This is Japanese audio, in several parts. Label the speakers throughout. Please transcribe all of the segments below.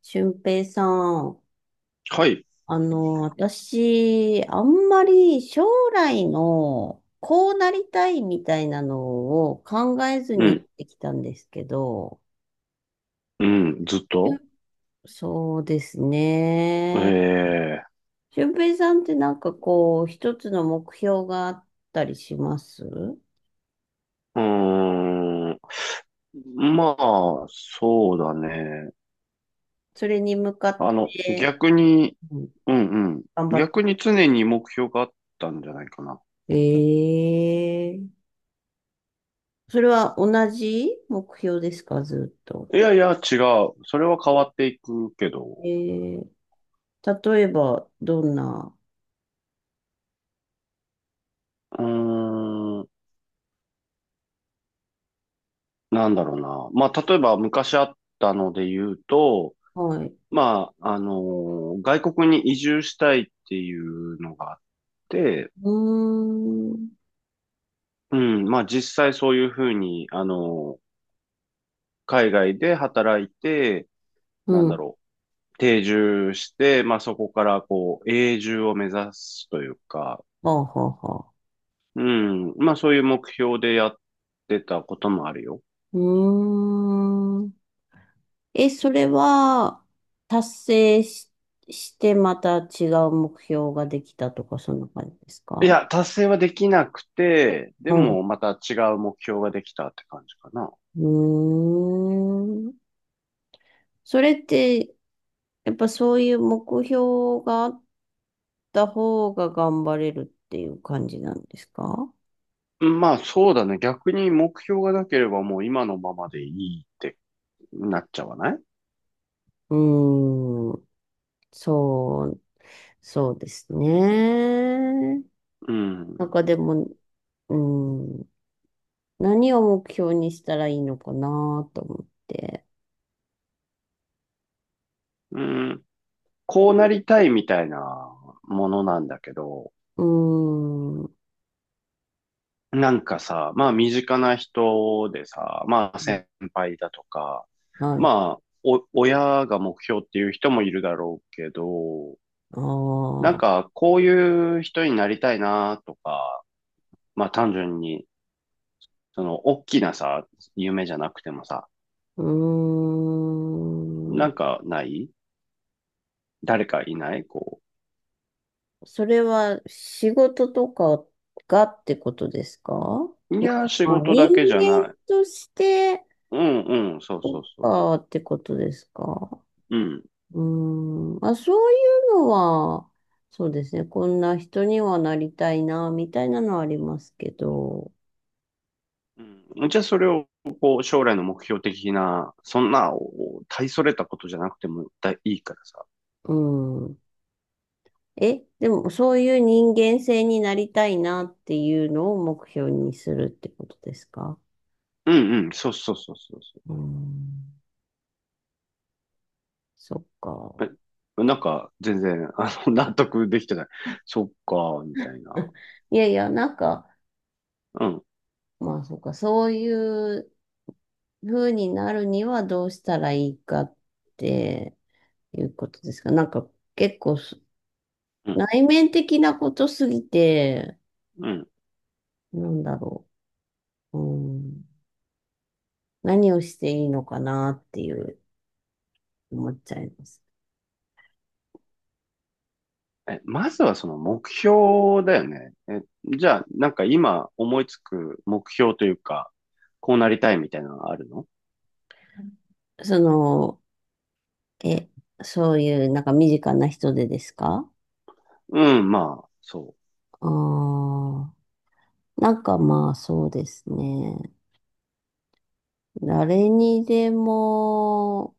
Speaker 1: 俊平さん、
Speaker 2: はい。
Speaker 1: 私、あんまり将来のこうなりたいみたいなのを考えず
Speaker 2: う
Speaker 1: に生
Speaker 2: ん。
Speaker 1: きてきたんですけど、
Speaker 2: うん。ずっ
Speaker 1: しゅ
Speaker 2: と
Speaker 1: そうですね。
Speaker 2: ええ
Speaker 1: 俊平さんってなんかこう、一つの目標があったりします？
Speaker 2: うーん。まあ、そうだね。
Speaker 1: それに向かって、
Speaker 2: 逆に、
Speaker 1: うん、
Speaker 2: うんうん。
Speaker 1: 頑張って。
Speaker 2: 逆に常に目標があったんじゃないかな。
Speaker 1: ええ、それは同じ目標ですか、ずっと。
Speaker 2: いやいや、違う。それは変わっていくけど。
Speaker 1: ええ、例えば、どんな、
Speaker 2: うーん。なんだろうな。まあ、例えば昔あったので言うと、
Speaker 1: はい。
Speaker 2: まあ、外国に移住したいっていうのがあって、
Speaker 1: うーん。
Speaker 2: うん、まあ実際そういうふうに、海外で働いて、なん
Speaker 1: う
Speaker 2: だ
Speaker 1: ん。
Speaker 2: ろう、定住して、まあそこからこう、永住を目指すというか、
Speaker 1: はあ、はあ、はあ。
Speaker 2: うん、まあそういう目標でやってたこともあるよ。
Speaker 1: うーん。え、それは、達成し、してまた違う目標ができたとか、そんな感じです
Speaker 2: い
Speaker 1: か？
Speaker 2: や、達成はできなくて、で
Speaker 1: はい。
Speaker 2: もまた違う目標ができたって感じかな。
Speaker 1: うーん。それって、やっぱそういう目標があった方が頑張れるっていう感じなんですか？
Speaker 2: うん、まあそうだね。逆に目標がなければもう今のままでいいってなっちゃわない？
Speaker 1: うーん。そう、そうですね。
Speaker 2: う
Speaker 1: なん
Speaker 2: ん。
Speaker 1: かでも、うん、何を目標にしたらいいのかなと思って。
Speaker 2: うん。こうなりたいみたいなものなんだけど、
Speaker 1: うーん、
Speaker 2: なんかさ、まあ身近な人でさ、まあ先輩だとか、
Speaker 1: はい。
Speaker 2: まあお親が目標っていう人もいるだろうけど、
Speaker 1: あ
Speaker 2: なん
Speaker 1: あ、
Speaker 2: かこういう人になりたいなとか、まあ単純に、その大きなさ、夢じゃなくてもさ、
Speaker 1: うー
Speaker 2: な
Speaker 1: ん。
Speaker 2: んかない誰かいないこ
Speaker 1: それは仕事とかがってことですか？
Speaker 2: う。いや、仕
Speaker 1: あ、
Speaker 2: 事
Speaker 1: 人
Speaker 2: だけじゃ
Speaker 1: 間
Speaker 2: ない。
Speaker 1: として
Speaker 2: うんうん、そう
Speaker 1: と
Speaker 2: そうそう。
Speaker 1: かってことですか？
Speaker 2: うん。
Speaker 1: うーん。あ、そういうのは、そうですね。こんな人にはなりたいな、みたいなのはありますけど。
Speaker 2: うんじゃあそれをこう将来の目標的な、そんなお大それたことじゃなくてもだいいからさ。
Speaker 1: うん。え、でもそういう人間性になりたいなっていうのを目標にするってことですか？
Speaker 2: うんうん、そうそうそうそうそ
Speaker 1: うーん、そっか。
Speaker 2: う。え、なんか全然納得できてない。そっか、みたいな。
Speaker 1: いやいや、なんか、
Speaker 2: うん、
Speaker 1: まあそっか、そういう風になるにはどうしたらいいかっていうことですか？なんか結構
Speaker 2: うん、
Speaker 1: 内面的なことすぎて、
Speaker 2: うん。
Speaker 1: なんだろう。うん、何をしていいのかなっていう思っちゃいます。
Speaker 2: え、まずはその目標だよね。え、じゃあなんか今思いつく目標というか、こうなりたいみたいなのはあるの？
Speaker 1: その、え、そういうなんか身近な人でですか？
Speaker 2: うん、まあ、そ
Speaker 1: ああ、なんかまあそうですね。誰にでも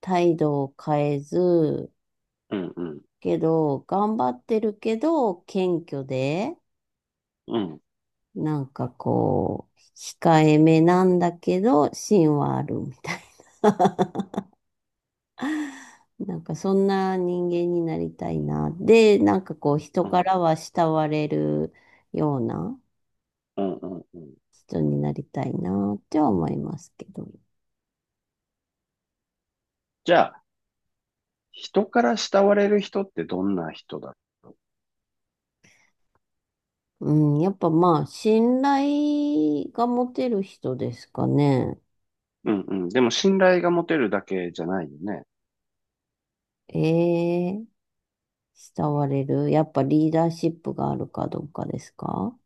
Speaker 1: 態度を変えず、
Speaker 2: う。うん、うん、
Speaker 1: けど、頑張ってるけど、謙虚で、
Speaker 2: うん、
Speaker 1: なんかこう、控えめなんだけど、芯はあるみたいな。なんかそんな人間になりたいな。で、なんかこう、人
Speaker 2: う
Speaker 1: か
Speaker 2: ん、
Speaker 1: らは慕われるような。
Speaker 2: うん、うん。うん、
Speaker 1: 人になりたいなっては思いますけど。
Speaker 2: じゃ人から慕われる人ってどんな人だろ
Speaker 1: うん、やっぱまあ、信頼が持てる人ですかね。
Speaker 2: う？うんうん。でも信頼が持てるだけじゃないよね。
Speaker 1: ええ、慕われる。やっぱリーダーシップがあるかどうかですか？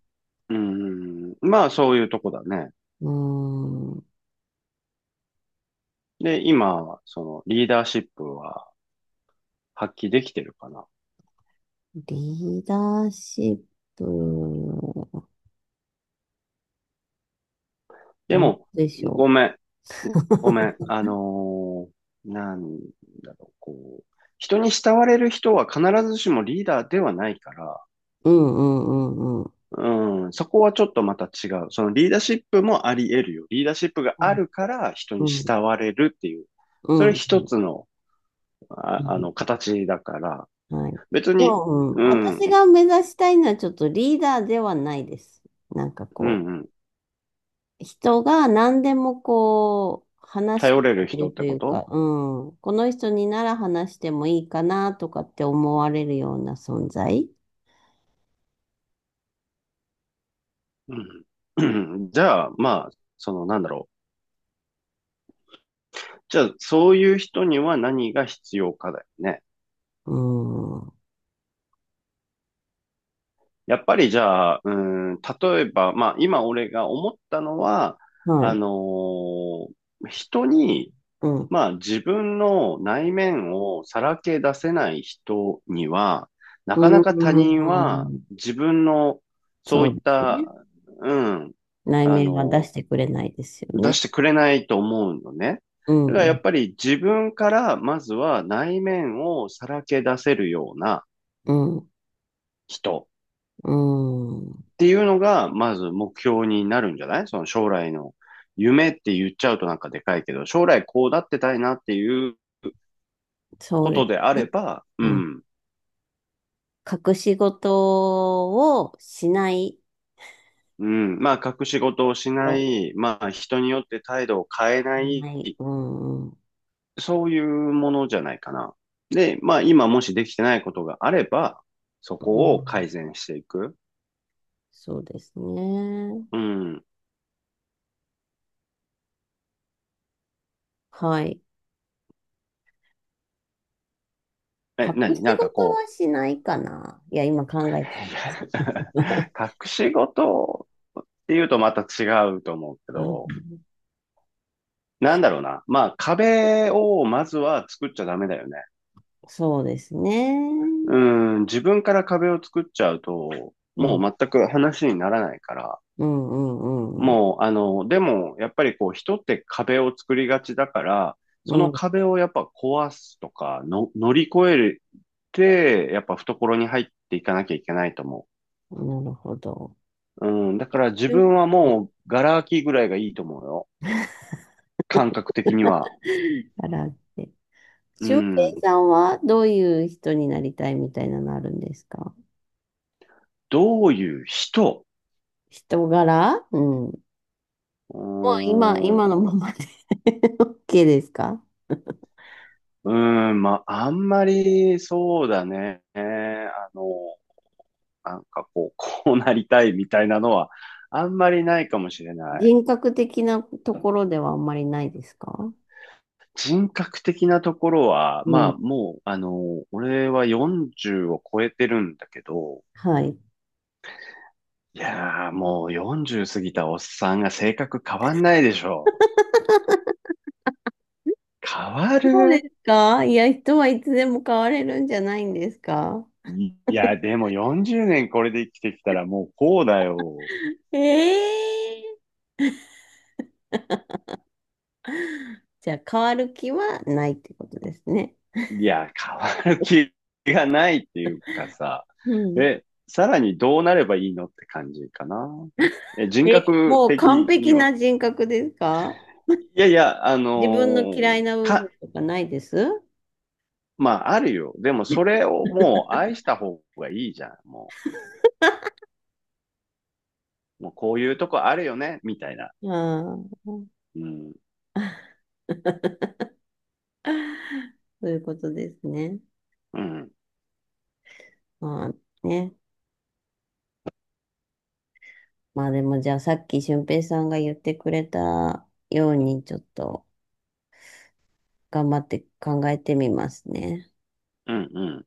Speaker 2: うんうん。まあそういうとこだね。
Speaker 1: うん、
Speaker 2: で、今、そのリーダーシップは発揮できてるかな。
Speaker 1: リーダーシップ、
Speaker 2: で
Speaker 1: どう
Speaker 2: も、
Speaker 1: でしょ
Speaker 2: ごめん。
Speaker 1: う。
Speaker 2: ごめん。なんだろう、こう。人に慕われる人は必ずしもリーダーではないから、
Speaker 1: うんうんうんうん。
Speaker 2: うん、そこはちょっとまた違う。そのリーダーシップもあり得るよ。リーダーシップが
Speaker 1: う
Speaker 2: あ
Speaker 1: ん
Speaker 2: るから人に
Speaker 1: うん
Speaker 2: 慕われるっていう。
Speaker 1: う
Speaker 2: それ
Speaker 1: ん
Speaker 2: 一つの、
Speaker 1: うん。
Speaker 2: 形だから。
Speaker 1: はい。
Speaker 2: 別
Speaker 1: で
Speaker 2: に、
Speaker 1: も、うん、
Speaker 2: うん、うん、
Speaker 1: 私が目指したいのはちょっとリーダーではないです。なんか
Speaker 2: う
Speaker 1: こう。
Speaker 2: ん。
Speaker 1: 人が何でもこう、話し
Speaker 2: 頼れ
Speaker 1: て
Speaker 2: る
Speaker 1: くれ
Speaker 2: 人
Speaker 1: る
Speaker 2: っ
Speaker 1: と
Speaker 2: て
Speaker 1: い
Speaker 2: こ
Speaker 1: うか、
Speaker 2: と？
Speaker 1: うん。この人になら話してもいいかなとかって思われるような存在。
Speaker 2: うん。じゃあ、まあ、その、なんだろう。じゃあ、そういう人には何が必要かだよね。
Speaker 1: うん。
Speaker 2: やっぱりじゃあ、うん、例えば、まあ、今俺が思ったのは、
Speaker 1: は
Speaker 2: あ
Speaker 1: い。
Speaker 2: のー人に
Speaker 1: うん。
Speaker 2: まあ自分の内面をさらけ出せない人には、な
Speaker 1: う
Speaker 2: かなか他人は
Speaker 1: ん。
Speaker 2: 自分のそ
Speaker 1: そ
Speaker 2: う
Speaker 1: う
Speaker 2: いっ
Speaker 1: ですね。
Speaker 2: た、うん、
Speaker 1: 内
Speaker 2: あ
Speaker 1: 面は出
Speaker 2: の、
Speaker 1: してくれないですよ
Speaker 2: 出し
Speaker 1: ね。
Speaker 2: てくれないと思うのね。
Speaker 1: うん。
Speaker 2: だから
Speaker 1: う
Speaker 2: や
Speaker 1: ん。
Speaker 2: っぱり自分からまずは内面をさらけ出せるような
Speaker 1: う
Speaker 2: 人
Speaker 1: ん。うん、
Speaker 2: っていうのがまず目標になるんじゃない？その将来の夢って言っちゃうとなんかでかいけど、将来こうなってたいなっていう
Speaker 1: そう
Speaker 2: こ
Speaker 1: で
Speaker 2: と
Speaker 1: す
Speaker 2: であれ
Speaker 1: ね。
Speaker 2: ば、う
Speaker 1: うん。
Speaker 2: ん、
Speaker 1: 隠し事をしない
Speaker 2: うん。まあ、隠し事をしな
Speaker 1: と。
Speaker 2: い。まあ、人によって態度を変えない。
Speaker 1: ない。うん。うん。
Speaker 2: そういうものじゃないかな。で、まあ、今もしできてないことがあれば、そ
Speaker 1: う
Speaker 2: こを
Speaker 1: ん、
Speaker 2: 改善していく。
Speaker 1: そうですね。
Speaker 2: うん。
Speaker 1: はい。
Speaker 2: え、
Speaker 1: 隠
Speaker 2: 何
Speaker 1: し
Speaker 2: なん
Speaker 1: 事
Speaker 2: か
Speaker 1: は
Speaker 2: こう、
Speaker 1: しないかな。いや、今考えてた。
Speaker 2: 隠し事っていうとまた違うと思うけ
Speaker 1: うん、
Speaker 2: ど、なんだろうな。まあ、壁をまずは作っちゃダメだよね。
Speaker 1: そうです
Speaker 2: う
Speaker 1: ね。
Speaker 2: ん。自分から壁を作っちゃうと、
Speaker 1: うん、
Speaker 2: も
Speaker 1: うん、
Speaker 2: う全く話にならないから、
Speaker 1: うん、うん、うん。
Speaker 2: もう、でも、やっぱりこう、人って壁を作りがちだから、その壁をやっぱ壊すとか、の、乗り越えるって、やっぱ懐に入っていかなきゃいけないと思
Speaker 1: なるほど。
Speaker 2: う。うん、だから自
Speaker 1: え、
Speaker 2: 分はもう、ガラ空きぐらいがいいと思うよ。感覚的には。
Speaker 1: からって。
Speaker 2: う
Speaker 1: 俊
Speaker 2: ん、
Speaker 1: 平さんはどういう人になりたいみたいなのあるんですか？
Speaker 2: どういう人？
Speaker 1: 人柄。うん。も
Speaker 2: うー
Speaker 1: う今、
Speaker 2: ん、
Speaker 1: 今の
Speaker 2: う
Speaker 1: ままで OK ですか？
Speaker 2: ーん、まあ、あんまり、そうだね。なんかこう、こうなりたいみたいなのは、あんまりないかもしれない。
Speaker 1: 人格的なところではあんまりないですか？
Speaker 2: 人格的なところは、
Speaker 1: う
Speaker 2: まあ
Speaker 1: ん。
Speaker 2: もう、俺は40を超えてるんだけど、
Speaker 1: はい。
Speaker 2: いやー、もう40過ぎたおっさんが性格変わんないでしょ。変わ
Speaker 1: そうで
Speaker 2: る？
Speaker 1: すか？いや、人はいつでも変われるんじゃないんですか？
Speaker 2: いや、でも40年これで生きてきたらもうこうだよ。
Speaker 1: ええー、じゃあ変わる気はないってことですね。
Speaker 2: いや、変わる気がないっていうかさ。
Speaker 1: うん。
Speaker 2: え、さらにどうなればいいのって感じかな。え、人
Speaker 1: え、
Speaker 2: 格
Speaker 1: もう完
Speaker 2: 的に
Speaker 1: 璧
Speaker 2: は。
Speaker 1: な人格ですか？
Speaker 2: いやいや、あの
Speaker 1: 自分の嫌
Speaker 2: ー
Speaker 1: いな部
Speaker 2: か、
Speaker 1: 分とかないです？
Speaker 2: まあ、あるよ。でも、それをもう愛した方がいいじゃん。もう、もうこういうとこあるよね、みたいな。
Speaker 1: ああ、
Speaker 2: うん、
Speaker 1: そういうことですね。
Speaker 2: うん、
Speaker 1: まあね。まあでもじゃあさっき俊平さんが言ってくれたようにちょっと頑張って考えてみますね。
Speaker 2: うん、うん。